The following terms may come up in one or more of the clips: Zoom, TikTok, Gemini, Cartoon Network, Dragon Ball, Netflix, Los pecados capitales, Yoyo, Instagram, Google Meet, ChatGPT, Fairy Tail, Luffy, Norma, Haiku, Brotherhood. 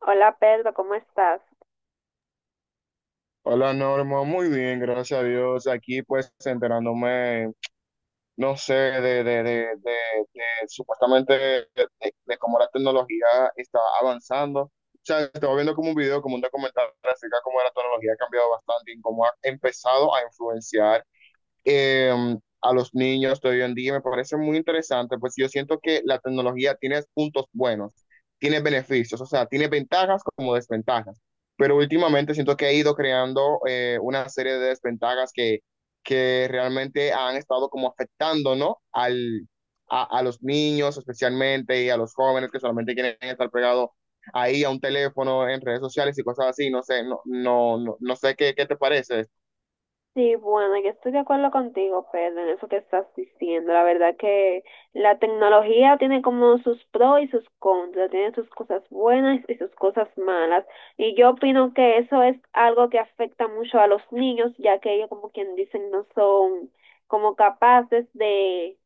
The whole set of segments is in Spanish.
Hola Pedro, ¿cómo estás? Hola Norma, muy bien, gracias a Dios. Aquí pues enterándome, no sé, de, de supuestamente de cómo la tecnología está avanzando. O sea, estaba viendo como un video, como un documental acerca de cómo la tecnología ha cambiado bastante y cómo ha empezado a influenciar eh, a los niños de hoy en día. Me parece muy interesante, pues yo siento que la tecnología tiene puntos buenos, tiene beneficios, o sea, tiene ventajas como desventajas, pero últimamente siento que ha ido creando una serie de desventajas que realmente han estado como afectando, ¿no? A los niños especialmente y a los jóvenes que solamente quieren estar pegados ahí a un teléfono en redes sociales y cosas así, no sé, no, no, no, no sé qué te parece. Sí, bueno, yo estoy de acuerdo contigo, Pedro, en eso que estás diciendo. La verdad que la tecnología tiene como sus pros y sus contras, tiene sus cosas buenas y sus cosas malas. Y yo opino que eso es algo que afecta mucho a los niños, ya que ellos, como quien dicen, no son como capaces de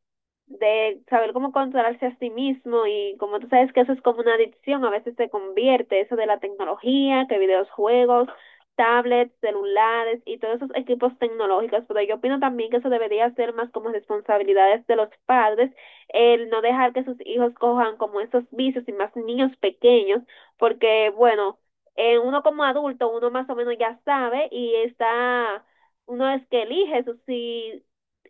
de saber cómo controlarse a sí mismo y como tú sabes que eso es como una adicción, a veces se convierte eso de la tecnología, que videojuegos, tablets, celulares y todos esos equipos tecnológicos, pero yo opino también que eso debería ser más como responsabilidades de los padres, el no dejar que sus hijos cojan como esos vicios y más niños pequeños, porque bueno, uno como adulto, uno más o menos ya sabe y está uno es que elige eso, si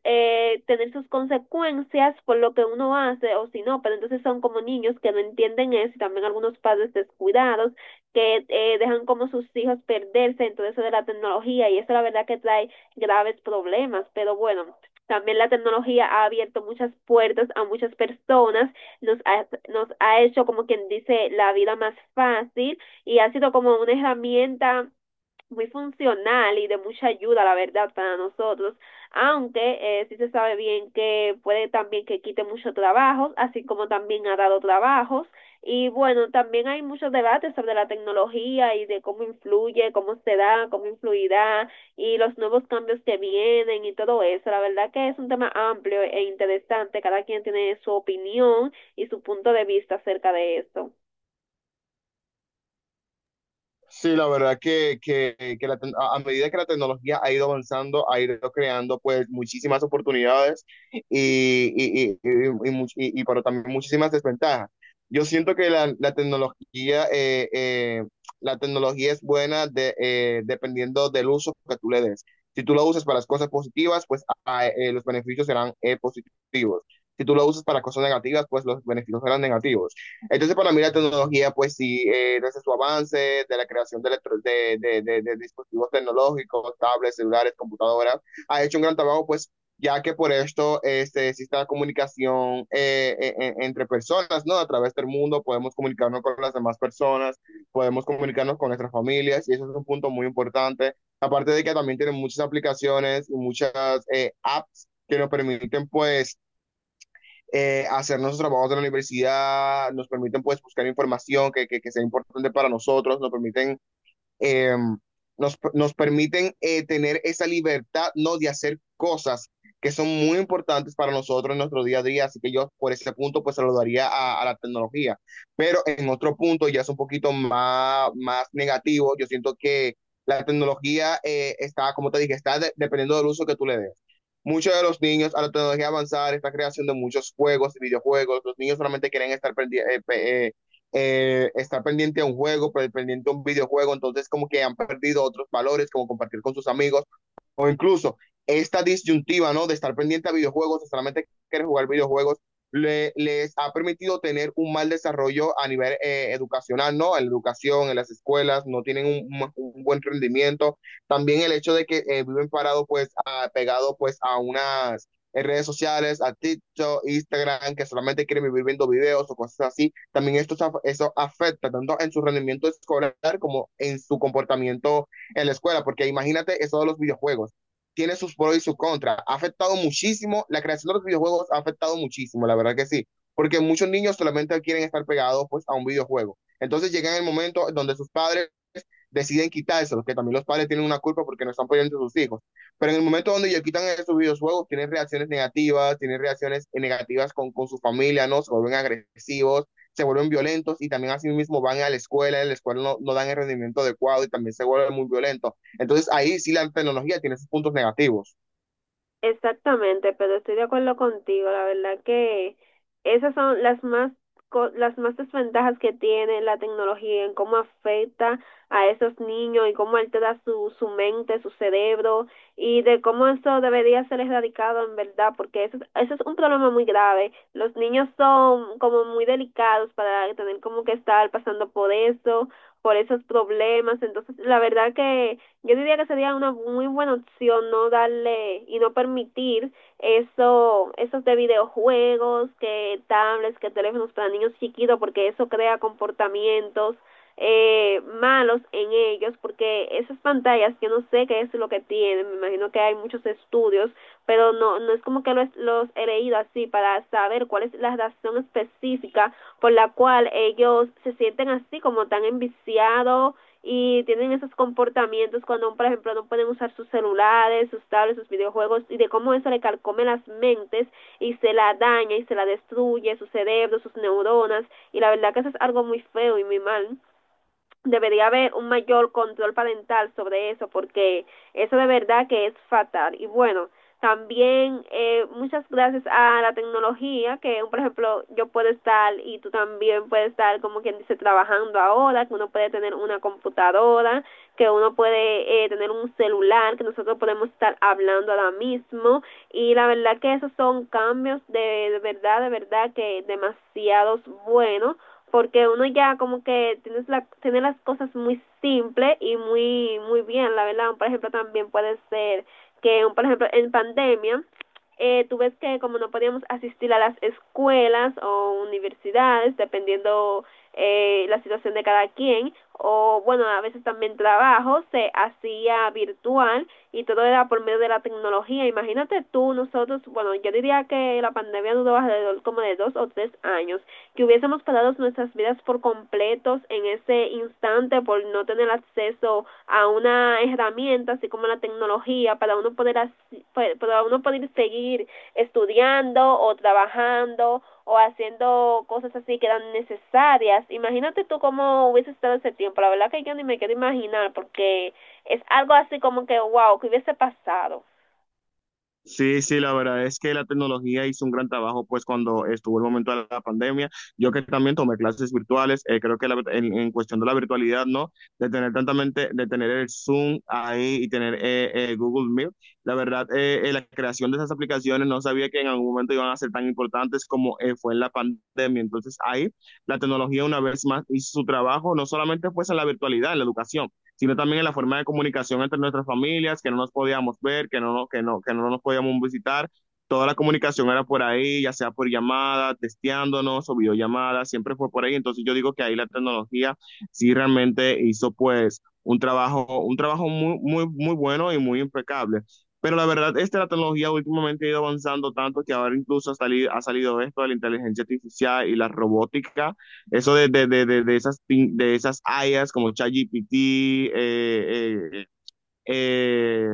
tener sus consecuencias por lo que uno hace o si no, pero entonces son como niños que no entienden eso y también algunos padres descuidados que dejan como sus hijos perderse en todo eso de la tecnología y eso la verdad que trae graves problemas, pero bueno, también la tecnología ha abierto muchas puertas a muchas personas, nos ha hecho como quien dice la vida más fácil y ha sido como una herramienta muy funcional y de mucha ayuda, la verdad, para nosotros, aunque sí se sabe bien que puede también que quite muchos trabajos, así como también ha dado trabajos. Y bueno, también hay muchos debates sobre la tecnología y de cómo influye, cómo se da, cómo influirá y los nuevos cambios que vienen y todo eso. La verdad que es un tema amplio e interesante. Cada quien tiene su opinión y su punto de vista acerca de esto. Sí, la verdad que a medida que la tecnología ha ido avanzando, ha ido creando pues muchísimas oportunidades y, pero también muchísimas desventajas. Yo siento que la tecnología es buena dependiendo del uso que tú le des. Si tú lo usas para las cosas positivas, pues los beneficios serán positivos. Si tú lo usas para cosas negativas, pues los beneficios serán negativos. Entonces, para mí la tecnología, pues sí, desde su avance, de la creación de, electro- de dispositivos tecnológicos, tablets, celulares, computadoras, ha hecho un gran trabajo, pues ya que por esto existe la comunicación entre personas, ¿no? A través del mundo podemos comunicarnos con las demás personas, podemos comunicarnos con nuestras familias, y eso es un punto muy importante. Aparte de que también tienen muchas aplicaciones y muchas apps que nos permiten, pues, hacer nuestros trabajos de la universidad, nos permiten pues buscar información que sea importante para nosotros, nos permiten eh, tener esa libertad, ¿no? De hacer cosas que son muy importantes para nosotros en nuestro día a día. Así que yo por ese punto pues se saludaría a la tecnología. Pero en otro punto ya es un poquito más negativo. Yo siento que la tecnología está, como te dije, está dependiendo del uso que tú le des. Muchos de los niños a la tecnología avanzada, esta creación de muchos juegos, videojuegos, los niños solamente quieren estar pendiente a un juego, pendiente a un videojuego, entonces como que han perdido otros valores, como compartir con sus amigos, o incluso esta disyuntiva, ¿no? De estar pendiente a videojuegos, o solamente querer jugar videojuegos, les ha permitido tener un mal desarrollo a nivel educacional, ¿no? En la educación, en las escuelas, no tienen un buen rendimiento. También el hecho de que viven parados, pues, pegados, pues, a unas redes sociales, a TikTok, Instagram, que solamente quieren vivir viendo videos o cosas así. También eso afecta tanto en su rendimiento escolar como en su comportamiento en la escuela, porque imagínate eso de los videojuegos tiene sus pros y sus contras. Ha afectado muchísimo, la creación de los videojuegos ha afectado muchísimo, la verdad que sí, porque muchos niños solamente quieren estar pegados pues a un videojuego. Entonces llega el momento donde sus padres deciden quitárselo, que también los padres tienen una culpa porque no están apoyando a sus hijos. Pero en el momento donde ellos quitan esos videojuegos, tienen reacciones negativas con su familia, ¿no? Se vuelven agresivos, se vuelven violentos y también así mismo van a la escuela, en la escuela no, no dan el rendimiento adecuado y también se vuelven muy violentos. Entonces ahí sí la tecnología tiene sus puntos negativos. Exactamente, pero estoy de acuerdo contigo. La verdad que esas son las más las más desventajas que tiene la tecnología en cómo afecta a esos niños y cómo altera su mente, su cerebro y de cómo eso debería ser erradicado en verdad, porque eso, eso es un problema muy grave. Los niños son como muy delicados para tener como que estar pasando por eso, por esos problemas. Entonces, la verdad que yo diría que sería una muy buena opción no darle y no permitir eso, esos de videojuegos, que tablets, que teléfonos para niños chiquitos, porque eso crea comportamientos malos en ellos, porque esas pantallas, yo no sé qué es lo que tienen, me imagino que hay muchos estudios, pero no, no es como que los he leído así para saber cuál es la razón específica por la cual ellos se sienten así, como tan enviciados y tienen esos comportamientos cuando, por ejemplo, no pueden usar sus celulares, sus tablets, sus videojuegos y de cómo eso le calcome las mentes y se la daña y se la destruye, su cerebro, sus neuronas y la verdad que eso es algo muy feo y muy mal debería haber un mayor control parental sobre eso porque eso de verdad que es fatal y bueno también muchas gracias a la tecnología que por ejemplo yo puedo estar y tú también puedes estar como quien dice trabajando ahora que uno puede tener una computadora que uno puede tener un celular, que nosotros podemos estar hablando ahora mismo y la verdad que esos son cambios de verdad, de verdad que demasiados buenos porque uno ya como que tiene las cosas muy simples y muy muy bien, la verdad. Por ejemplo, también puede ser que, por ejemplo, en pandemia, tú ves que como no podíamos asistir a las escuelas o universidades, dependiendo la situación de cada quien, o bueno, a veces también trabajo, se hacía virtual y todo era por medio de la tecnología. Imagínate tú, nosotros, bueno, yo diría que la pandemia duró alrededor como de 2 o 3 años, que hubiésemos parado nuestras vidas por completos en ese instante por no tener acceso a una herramienta así como la tecnología para uno poder hacer pues, para uno poder seguir estudiando o trabajando o haciendo cosas así que eran necesarias. Imagínate tú cómo hubiese estado ese tiempo. La verdad que yo ni me quiero imaginar porque es algo así como que, wow, que hubiese pasado. Sí, sí, la verdad es que la tecnología hizo un gran trabajo, pues cuando estuvo el momento de la pandemia, yo que también tomé clases virtuales, creo que en cuestión de la virtualidad, ¿no? De tener el Zoom ahí y tener Google Meet, la verdad, la creación de esas aplicaciones no sabía que en algún momento iban a ser tan importantes como fue en la pandemia, entonces ahí la tecnología una vez más hizo su trabajo, no solamente pues en la virtualidad, en la educación, sino también en la forma de comunicación entre nuestras familias, que no nos podíamos ver, que no nos podíamos visitar. Toda la comunicación era por ahí, ya sea por llamada, testeándonos o videollamadas, siempre fue por ahí. Entonces yo digo que ahí la tecnología sí realmente hizo pues un trabajo muy, muy, muy bueno y muy impecable. Pero la verdad esta la tecnología últimamente ha ido avanzando tanto que ahora incluso ha salido esto de la inteligencia artificial y la robótica, eso de esas IAs como ChatGPT, eh, eh, eh, eh,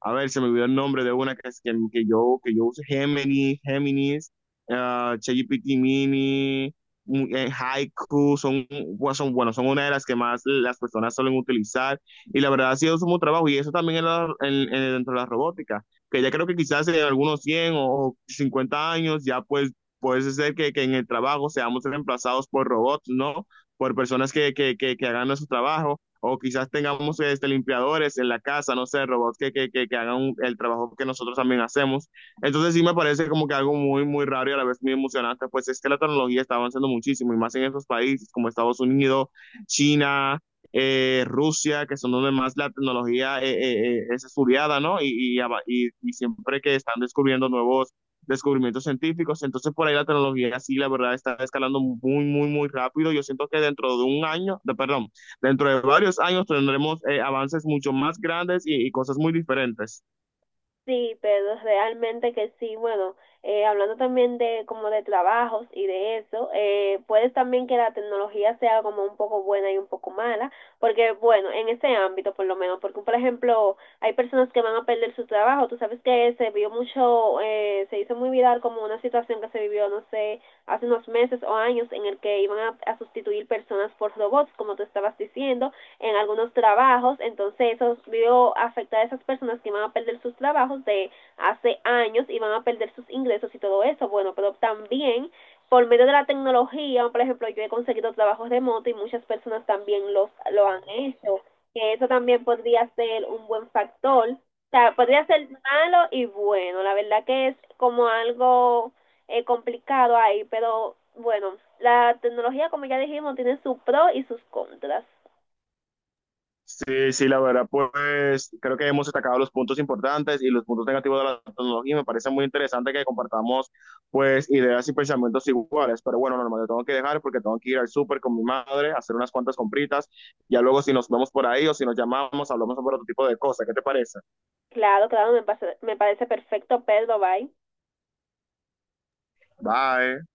a ver, se me olvidó el nombre de una que, es- que yo uso, Gemini, Géminis, ChatGPT Mini, Haiku, bueno, son una de las que más las personas suelen utilizar. Y la verdad ha sido su trabajo y eso también en la- en- dentro de la robótica, que ya creo que quizás en algunos 100 o 50 años ya pues puede ser que en el trabajo seamos reemplazados por robots, ¿no? Por personas que hagan nuestro trabajo o quizás tengamos limpiadores en la casa, no sé, robots que hagan el trabajo que nosotros también hacemos. Entonces sí me parece como que algo muy, muy raro y a la vez muy emocionante, pues es que la tecnología está avanzando muchísimo y más en esos países como Estados Unidos, China, Rusia, que son donde más la tecnología es estudiada, ¿no? Y siempre que están descubriendo nuevos descubrimientos científicos, entonces por ahí la tecnología sí, la verdad, está escalando muy, muy, muy rápido. Yo siento que dentro de un año, perdón, dentro de varios años tendremos avances mucho más grandes y cosas muy diferentes. Sí, pero realmente que sí, bueno, hablando también de como de trabajos y de eso, puede también que la tecnología sea como un poco buena y un poco mala, porque bueno, en ese ámbito por lo menos, porque por ejemplo, hay personas que van a perder su trabajo, tú sabes que se vio mucho, se hizo muy viral como una situación que se vivió, no sé, hace unos meses o años en el que iban a sustituir personas por robots, como tú estabas diciendo, en algunos trabajos, entonces eso vio afectar a esas personas que van a perder sus trabajos de hace años y van a perder sus ingresos y todo eso, bueno, pero también por medio de la tecnología, por ejemplo, yo he conseguido trabajos remoto y muchas personas también los lo han hecho, que eso también podría ser un buen factor, o sea, podría ser malo y bueno, la verdad que es como algo complicado ahí, pero bueno, la tecnología, como ya dijimos, tiene sus pros y sus contras. Sí, sí, la verdad, pues creo que hemos destacado los puntos importantes y los puntos negativos de la tecnología. Y me parece muy interesante que compartamos pues ideas y pensamientos iguales. Pero bueno, normal, yo tengo que dejar porque tengo que ir al súper con mi madre, a hacer unas cuantas compritas. Ya luego si nos vemos por ahí o si nos llamamos, hablamos sobre otro tipo de cosas. ¿Qué te parece? Claro, claro, me parece perfecto, Pedro, bye. Bye.